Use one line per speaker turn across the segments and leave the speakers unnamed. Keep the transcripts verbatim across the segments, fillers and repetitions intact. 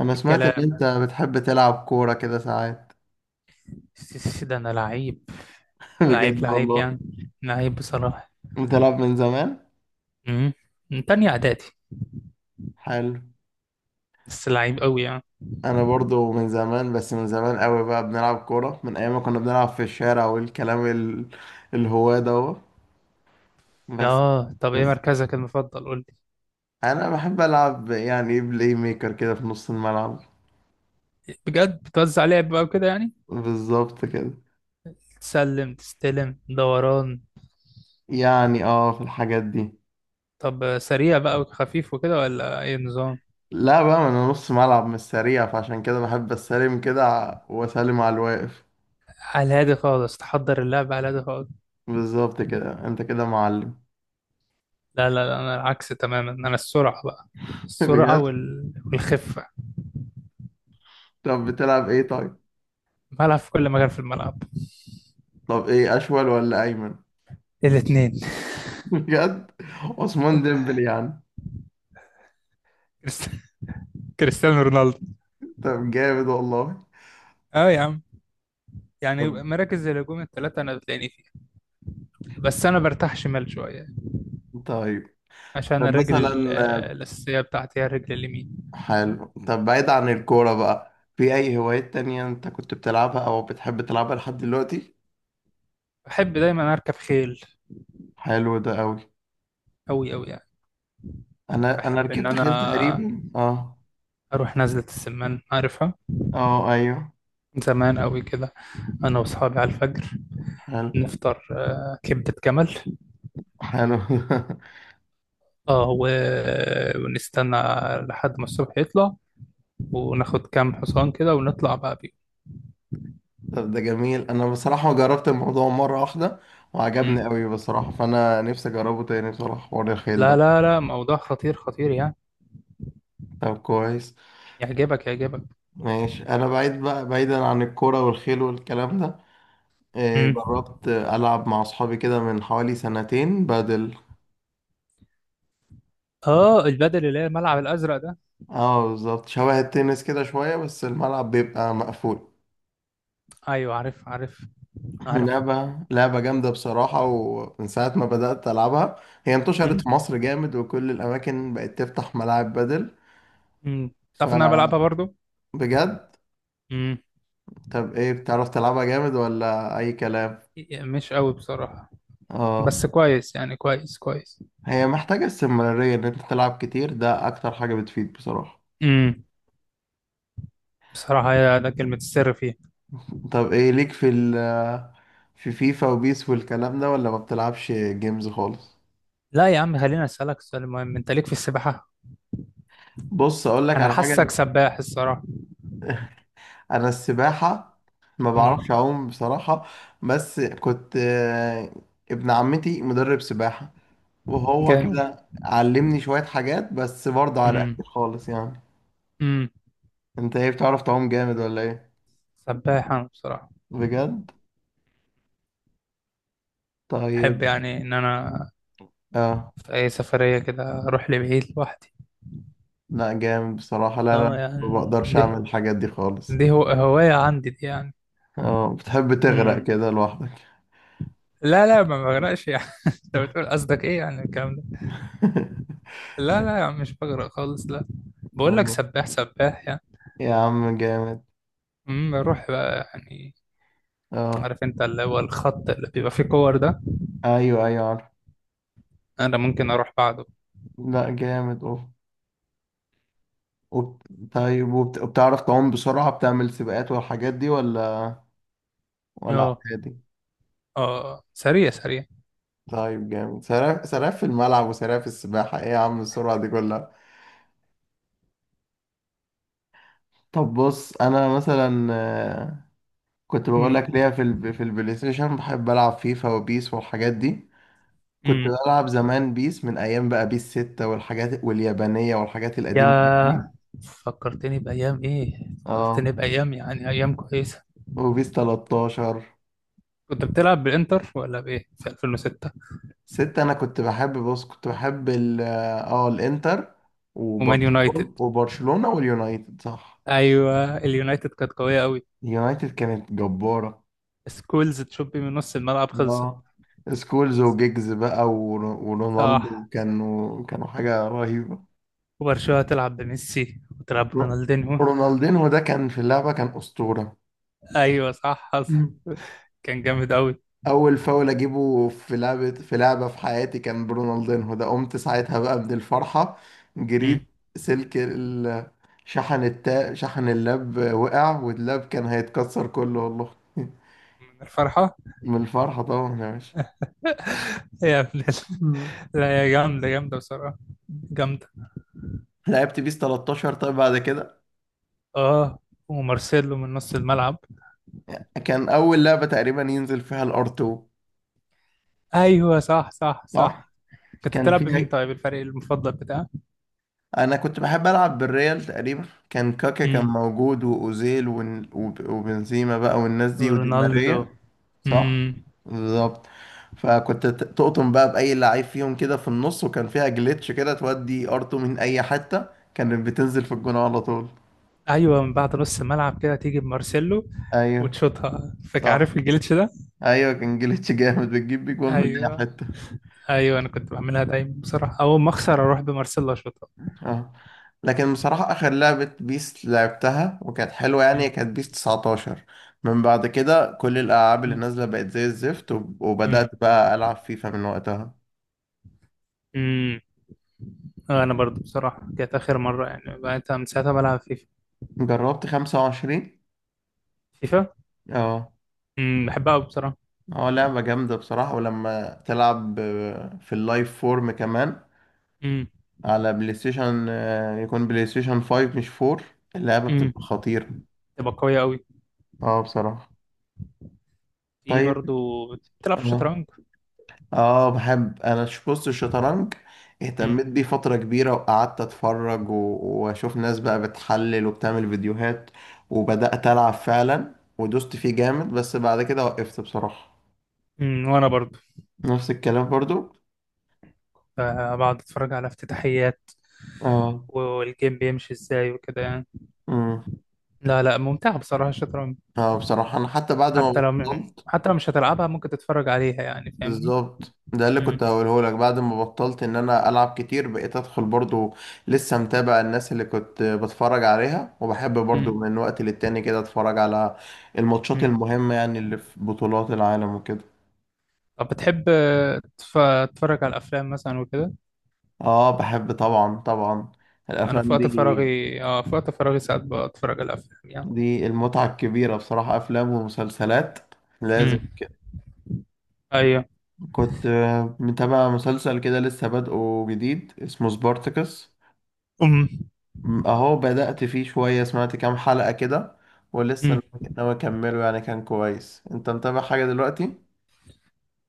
انا سمعت ان
الكلام.
انت بتحب تلعب كورة كده ساعات.
السيسي ده انا لعيب، لعيب
بجد
لعيب
والله.
يعني. لعيب بصراحة.
بتلعب من زمان؟
امم من تانية اعدادي.
حلو.
بس لعيب قوي يعني.
انا برضو من زمان، بس من زمان قوي بقى، بنلعب كورة من ايام ما كنا بنلعب في الشارع والكلام ال... الهواة ده. بس.
اه، طب ايه
بس
مركزك المفضل قول لي؟
انا بحب العب، يعني ايه، بلاي ميكر كده في نص الملعب.
بجد بتوزع لعب بقى وكده يعني؟
بالظبط كده.
تسلم، تستلم دوران.
يعني اه في الحاجات دي.
طب سريع بقى وخفيف وكده، ولا اي نظام؟
لا بقى، ما انا نص ملعب مش سريع، فعشان كده بحب استلم كده ع- واسلم على الواقف.
على الهادي خالص، تحضر اللعب على الهادي خالص.
بالظبط كده، انت كده معلم.
لا لا لا، انا العكس تماما، انا السرعة بقى. السرعة
بجد.
وال... والخفة.
طب بتلعب ايه طيب؟
بلعب في كل مكان في الملعب.
طب ايه، اشول ولا ايمن؟
الاتنين.
بجد. عثمان ديمبلي يعني.
كريست- كريستيانو رونالدو.
طب جامد والله.
اه يا عم. يعني
طب.
مراكز زي الهجوم الثلاثة أنا بتلاقيني فيها. بس أنا برتاح شمال شوية.
طيب.
عشان
طب
الرجل ال-
مثلا.
الأساسية بتاعتي هي الرجل اليمين.
حلو. طب بعيد عن الكورة بقى، في اي هوايات تانية انت كنت بتلعبها او بتحب تلعبها لحد دلوقتي؟
بحب دايما أركب خيل.
حلو ده قوي.
أوي أوي يعني.
انا انا
بحب إن
ركبت
أنا
خيل تقريبا. اه
أروح نزلة السمان، عارفها؟
اه، ايوه.
من زمان أوي كده. أنا وأصحابي على الفجر
حلو.
نفطر، آه، كبدة جمل.
حلو.
اه و- ونستنى لحد ما الصبح يطلع، وناخد كام حصان كده ونطلع بقى بيهم.
طب ده جميل، انا بصراحة جربت الموضوع مرة واحدة
مم.
وعجبني قوي بصراحة، فانا نفسي اجربه تاني بصراحة، حوار الخيل
لا
ده.
لا لا، موضوع خطير خطير يعني.
طب كويس.
يعجبك يعجبك.
ماشي، انا بعيد بقى، بعيدا عن الكوره والخيل والكلام ده. إيه،
مم.
جربت العب مع اصحابي كده من حوالي سنتين بدل.
اه، البدل اللي هي الملعب الازرق ده.
اه بالظبط، شبه التنس كده شويه، بس الملعب بيبقى مقفول.
ايوه، عارف عارف عارف.
لعبه لعبه جامده بصراحه، ومن ساعه ما بدات العبها. هي انتشرت في
امم
مصر جامد، وكل الاماكن بقت تفتح ملاعب بدل.
امم تعرف ان انا بلعبها برضو.
فبجد.
امم
طب ايه، بتعرف تلعبها جامد ولا اي كلام؟
مش قوي بصراحه.
اه.
بس كويس يعني، كويس كويس.
هي محتاجة استمرارية، ان انت تلعب كتير ده اكتر حاجة بتفيد بصراحة.
امم بصراحه هي ده كلمه السر فيها.
طب ايه ليك في ال آه، في فيفا وبيس والكلام ده، ولا ما بتلعبش جيمز خالص؟
لا يا عم، خليني اسالك سؤال مهم، انت ليك في السباحه؟
بص اقول لك
انا
على
حاسك
حاجة.
سباح الصراحه.
انا السباحة ما بعرفش
امم
اعوم بصراحة. بس كنت آه، ابن عمتي مدرب سباحة، وهو
جامد.
كده علمني شوية حاجات، بس برضه على
امم
قد خالص يعني.
امم
انت ايه، بتعرف تعوم جامد ولا ايه؟
سباح انا بصراحه.
بجد. طيب.
احب يعني ان انا
اه.
في اي سفريه كده اروح لبعيد لوحدي.
لا جامد بصراحة. لا، لا،
اه
ما
يعني،
بقدرش
دي
أعمل الحاجات دي خالص.
دي هو هوايه عندي دي يعني.
اه، بتحب تغرق
مم.
كده لوحدك؟
لا لا، ما بغرقش يعني. انت بتقول قصدك ايه يعني الكلام ده؟ لا لا يا عم، مش بغرق خالص لا. بقول لك
أيوة.
سباح سباح يعني.
يا عم جامد.
امم بروح بقى يعني.
اه.
عارف انت اللي هو الخط اللي بيبقى فيه كور ده؟
أيوه، أيوه، عارف.
انا ممكن اروح بعده.
لا جامد أوف. وبت... طيب، وبت... وبتعرف تعوم بسرعة، بتعمل سباقات والحاجات دي، ولا ولا
اه
عادي؟
اه، سريع سريع.
طيب جامد، سراف سراف في الملعب وسراف في السباحة، ايه يا عم السرعة دي كلها؟ طب بص، انا مثلا آه، كنت بقول
امم
لك ليا في ال... في البلاي ستيشن بحب العب فيفا وبيس والحاجات دي. كنت
امم
بلعب زمان بيس، من ايام بقى بيس ستة والحاجات واليابانية والحاجات القديمة دي.
يا، فكرتني بايام ايه.
اه.
فكرتني بايام، يعني ايام كويسه.
وبيس تلتاشر.
كنت بتلعب بالانتر ولا بايه في ألفين ستة؟
ستة، انا كنت بحب، بص، كنت بحب ال اه آه، الانتر
ومان يونايتد.
وبرشلونة، وبرشلونة واليونايتد، صح.
ايوه، اليونايتد كانت قويه قوي.
اليونايتد كانت جبارة.
سكولز تشوبي من نص الملعب خلصت.
اه، سكولز وجيجز بقى ور-
صح.
ورونالدو، كانوا كانوا حاجة رهيبة.
وبرشلونة تلعب بميسي وتلعب
رو-
برونالدينو.
رونالدينهو ده كان في اللعبة، كان أسطورة.
ايوه صح حصل. كان جامد قوي.
اول فاول اجيبه في لعبه في لعبه في حياتي كان برونالدينهو ده، قمت ساعتها بقى من الفرحه، جريت.
مم.
سلك ال- شحن التا شحن اللاب وقع، واللاب كان هيتكسر كله والله.
من الفرحة.
من الفرحه طبعا يا باشا.
يا ابن ال-.
مم.
لا يا، جامدة جامدة بصراحة. جامدة.
لعبت بيس تلتاشر، طيب. بعد كده
اه، ومارسيلو من نص الملعب.
كان اول لعبه تقريبا ينزل فيها الار اتنين،
ايوه صح صح صح.
صح.
كنت
كان
بتلعب بمين
فيها،
طيب، الفريق المفضل بتاعك؟
انا كنت بحب العب بالريال تقريبا، كان كاكا كان
مم.
موجود، واوزيل ون- وب- وبنزيما بقى والناس دي ودي
رونالدو.
ماريا. صح،
امم
بالظبط. فكنت ت- تقطم بقى بأي لعيب فيهم كده في النص. وكان فيها جليتش كده، تودي ار تو من أي حتة كانت بتنزل في الجون على طول.
ايوه، من بعد نص الملعب كده تيجي بمارسيلو
أيوه،
وتشوطها، فاكر،
صح.
عارف الجليتش ده؟
أيوه، كان جليتش جامد، بتجيب بيه جون من أي
ايوه
حتة.
ايوه، انا كنت بعملها دايما بصراحه، اول ما اخسر اروح بمارسيلا اشوطها.
اه. لكن بصراحة، آخر لعبة بيس لعبتها وكانت حلوة يعني
مم.
كانت بيس تسعة عشر. من بعد كده كل الألعاب اللي
مم.
نازلة بقت زي الزفت، وب-
مم.
وبدأت بقى ألعب فيفا من وقتها.
مم. انا
يعني
برضو بصراحه كانت اخر مره، يعني بقيت من ساعتها بلعب فيفا.
جربت خمسة وعشرين.
فيفا.
اه.
مم. بحبها قوي بصراحه.
اه، لعبة جامدة بصراحة، ولما تلعب آه، في اللايف فورم كمان،
مم.
على بلاي ستيشن آه، يكون بلاي ستيشن فايف مش فور، اللعبة
مم.
بتبقى خطيرة.
تبقى قويه قوي.
اه بصراحة.
في
طيب.
برضو، بتلعب
اه.
شطرنج؟
اه بحب. انا ش- بص، الشطرنج
مم.
اهتميت بيه فترة كبيرة، وقعدت اتفرج و- واشوف ناس بقى بتحلل وبتعمل فيديوهات، وبدأت العب فعلا ودوست فيه جامد، بس بعد كده وقفت بصراحة.
مم. وانا برضو
نفس الكلام برضو.
ب- بقعد اتفرج على افتتاحيات
اه.
والجيم بيمشي ازاي وكده يعني.
امم.
لا لا، ممتعه بصراحه الشطرنج.
اه بصراحة، انا حتى بعد ما
حتى لو
بطلت.
حتى لو مش هتلعبها ممكن تتفرج عليها يعني، فاهمني؟
بالظبط، ده اللي
مم.
كنت هقوله لك، بعد ما بطلت ان انا العب كتير بقيت ادخل برضو، لسه متابع الناس اللي كنت بتفرج عليها، وبحب برضو من وقت للتاني كده اتفرج على الماتشات
مم.
المهمة، يعني اللي في بطولات العالم وكده.
طب بتحب آه، تف- تتفرج على الافلام مثلا وكده.
اه بحب طبعا، طبعا.
انا في
الافلام
وقت
دي،
فراغي اه في وقت فراغي ساعات بتفرج على الافلام يعني.
دي المتعة الكبيرة بصراحة، افلام ومسلسلات لازم
امم
كده.
ايوه.
كنت آه، متابع مسلسل كده لسه بادئه جديد، اسمه سبارتكس.
امم
م- اهو بدأت فيه شوية، سمعت كام حلقة كده، ولسه
امم
ناوي ناوي اكمله يعني. كان كويس. انت متابع حاجة دلوقتي؟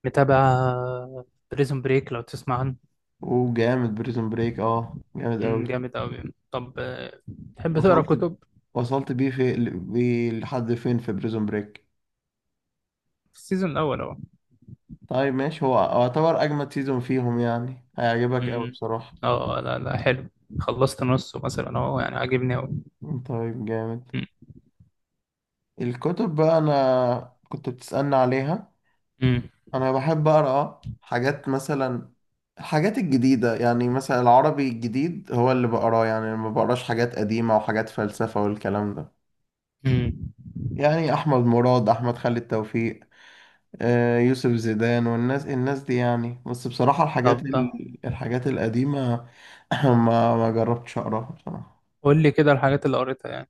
متابع بريزون بريك، لو تسمع عنه.
وجامد بريزون بريك، اه جامد
امم
قوي.
جامد قوي. طب آه، تحب تقرا
وصلت.
كتب؟
وصلت بيه في بيه لحد فين في بريزون بريك؟
في السيزون الاول اهو.
طيب ماشي، هو يعتبر اجمد سيزون فيهم يعني، هيعجبك قوي
امم
بصراحة.
اه، لا لا، حلو. خلصت نصه مثلا اهو، يعني عاجبني قوي.
طيب جامد.
امم
الكتب بقى، انا كنت بتسألني عليها.
امم
انا بحب اقرا حاجات، مثلا الحاجات الجديده يعني، مثلا العربي الجديد هو اللي بقراه يعني. أنا ما بقراش حاجات قديمه وحاجات فلسفه والكلام ده.
امم
يعني احمد مراد، احمد خالد توفيق، آه، يوسف زيدان والناس، الناس دي يعني. بس بصراحه الحاجات
طب آه،
ال- الحاجات القديمه، ما ما جربتش اقراها بصراحه.
قول لي كده الحاجات اللي قريتها يعني.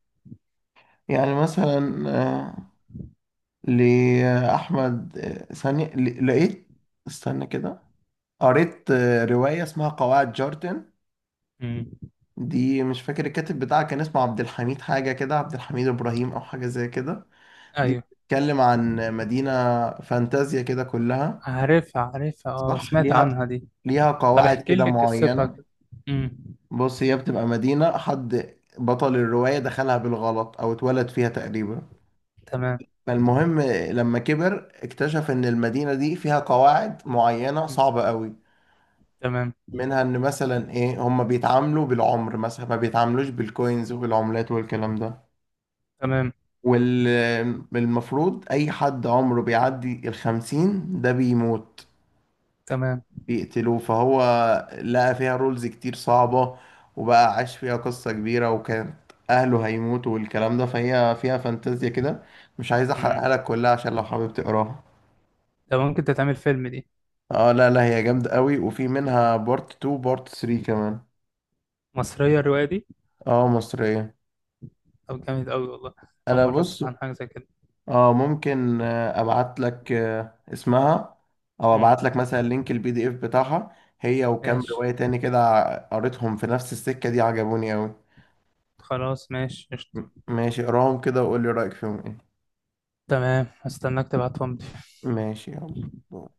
يعني مثلا آه، لاحمد، آه، ثانيه، ل- لقيت، استنى كده. قريت آه، روايه اسمها قواعد جارتن،
امم
دي مش فاكر الكاتب بتاعها، كان اسمه عبد الحميد حاجة كده، عبد الحميد إبراهيم أو حاجة زي كده. دي
ايوه،
بتتكلم عن مدينة فانتازيا كده كلها.
عارفها عارفها، اه
صح.
سمعت
ليها،
عنها دي.
ليها
طب
قواعد
احكي
كده
لي قصتها
معينة.
كده. امم
بص، هي بتبقى مدينة حد بطل الرواية دخلها بالغلط أو اتولد فيها تقريبا.
تمام.
فالمهم، لما كبر اكتشف إن المدينة دي فيها قواعد معينة
مم.
صعبة قوي،
تمام
منها إن مثلا إيه، هما بيتعاملوا بالعمر مثلا، ما بيتعاملوش بالكوينز وبالعملات والكلام ده.
تمام
والمفروض أي حد عمره بيعدي الخمسين ده بيموت،
تمام.
بيقتلوه. فهو لقى فيها رولز كتير صعبة، وبقى عاش فيها قصة كبيرة، وكانت أهله هيموتوا والكلام ده، فهي فيها فانتازيا كده. مش عايز
امم
أحرقها لك كلها عشان لو حابب تقراها.
ده ممكن تتعمل فيلم دي.
اه، لا لا، هي جامدة قوي، وفي منها بارت تو بارت تلاتة كمان.
مصرية الرواية دي؟
اه، مصرية.
طب جامد قوي والله. أول
انا
مرة
بص،
أسمع عن حاجة زي كده.
اه ممكن آه، ابعت لك آه، اسمها، او
امم
ابعت لك مثلا لينك البي دي اف بتاعها هي، وكام
ماشي،
رواية تاني كده ع- قريتهم في نفس السكة دي، عجبوني اوي.
خلاص ماشي
م-
قشطة.
ماشي، اقراهم كده وقول لي رأيك فيهم ايه.
تمام، هستناك تبعتهم لي.
ماشي يلا.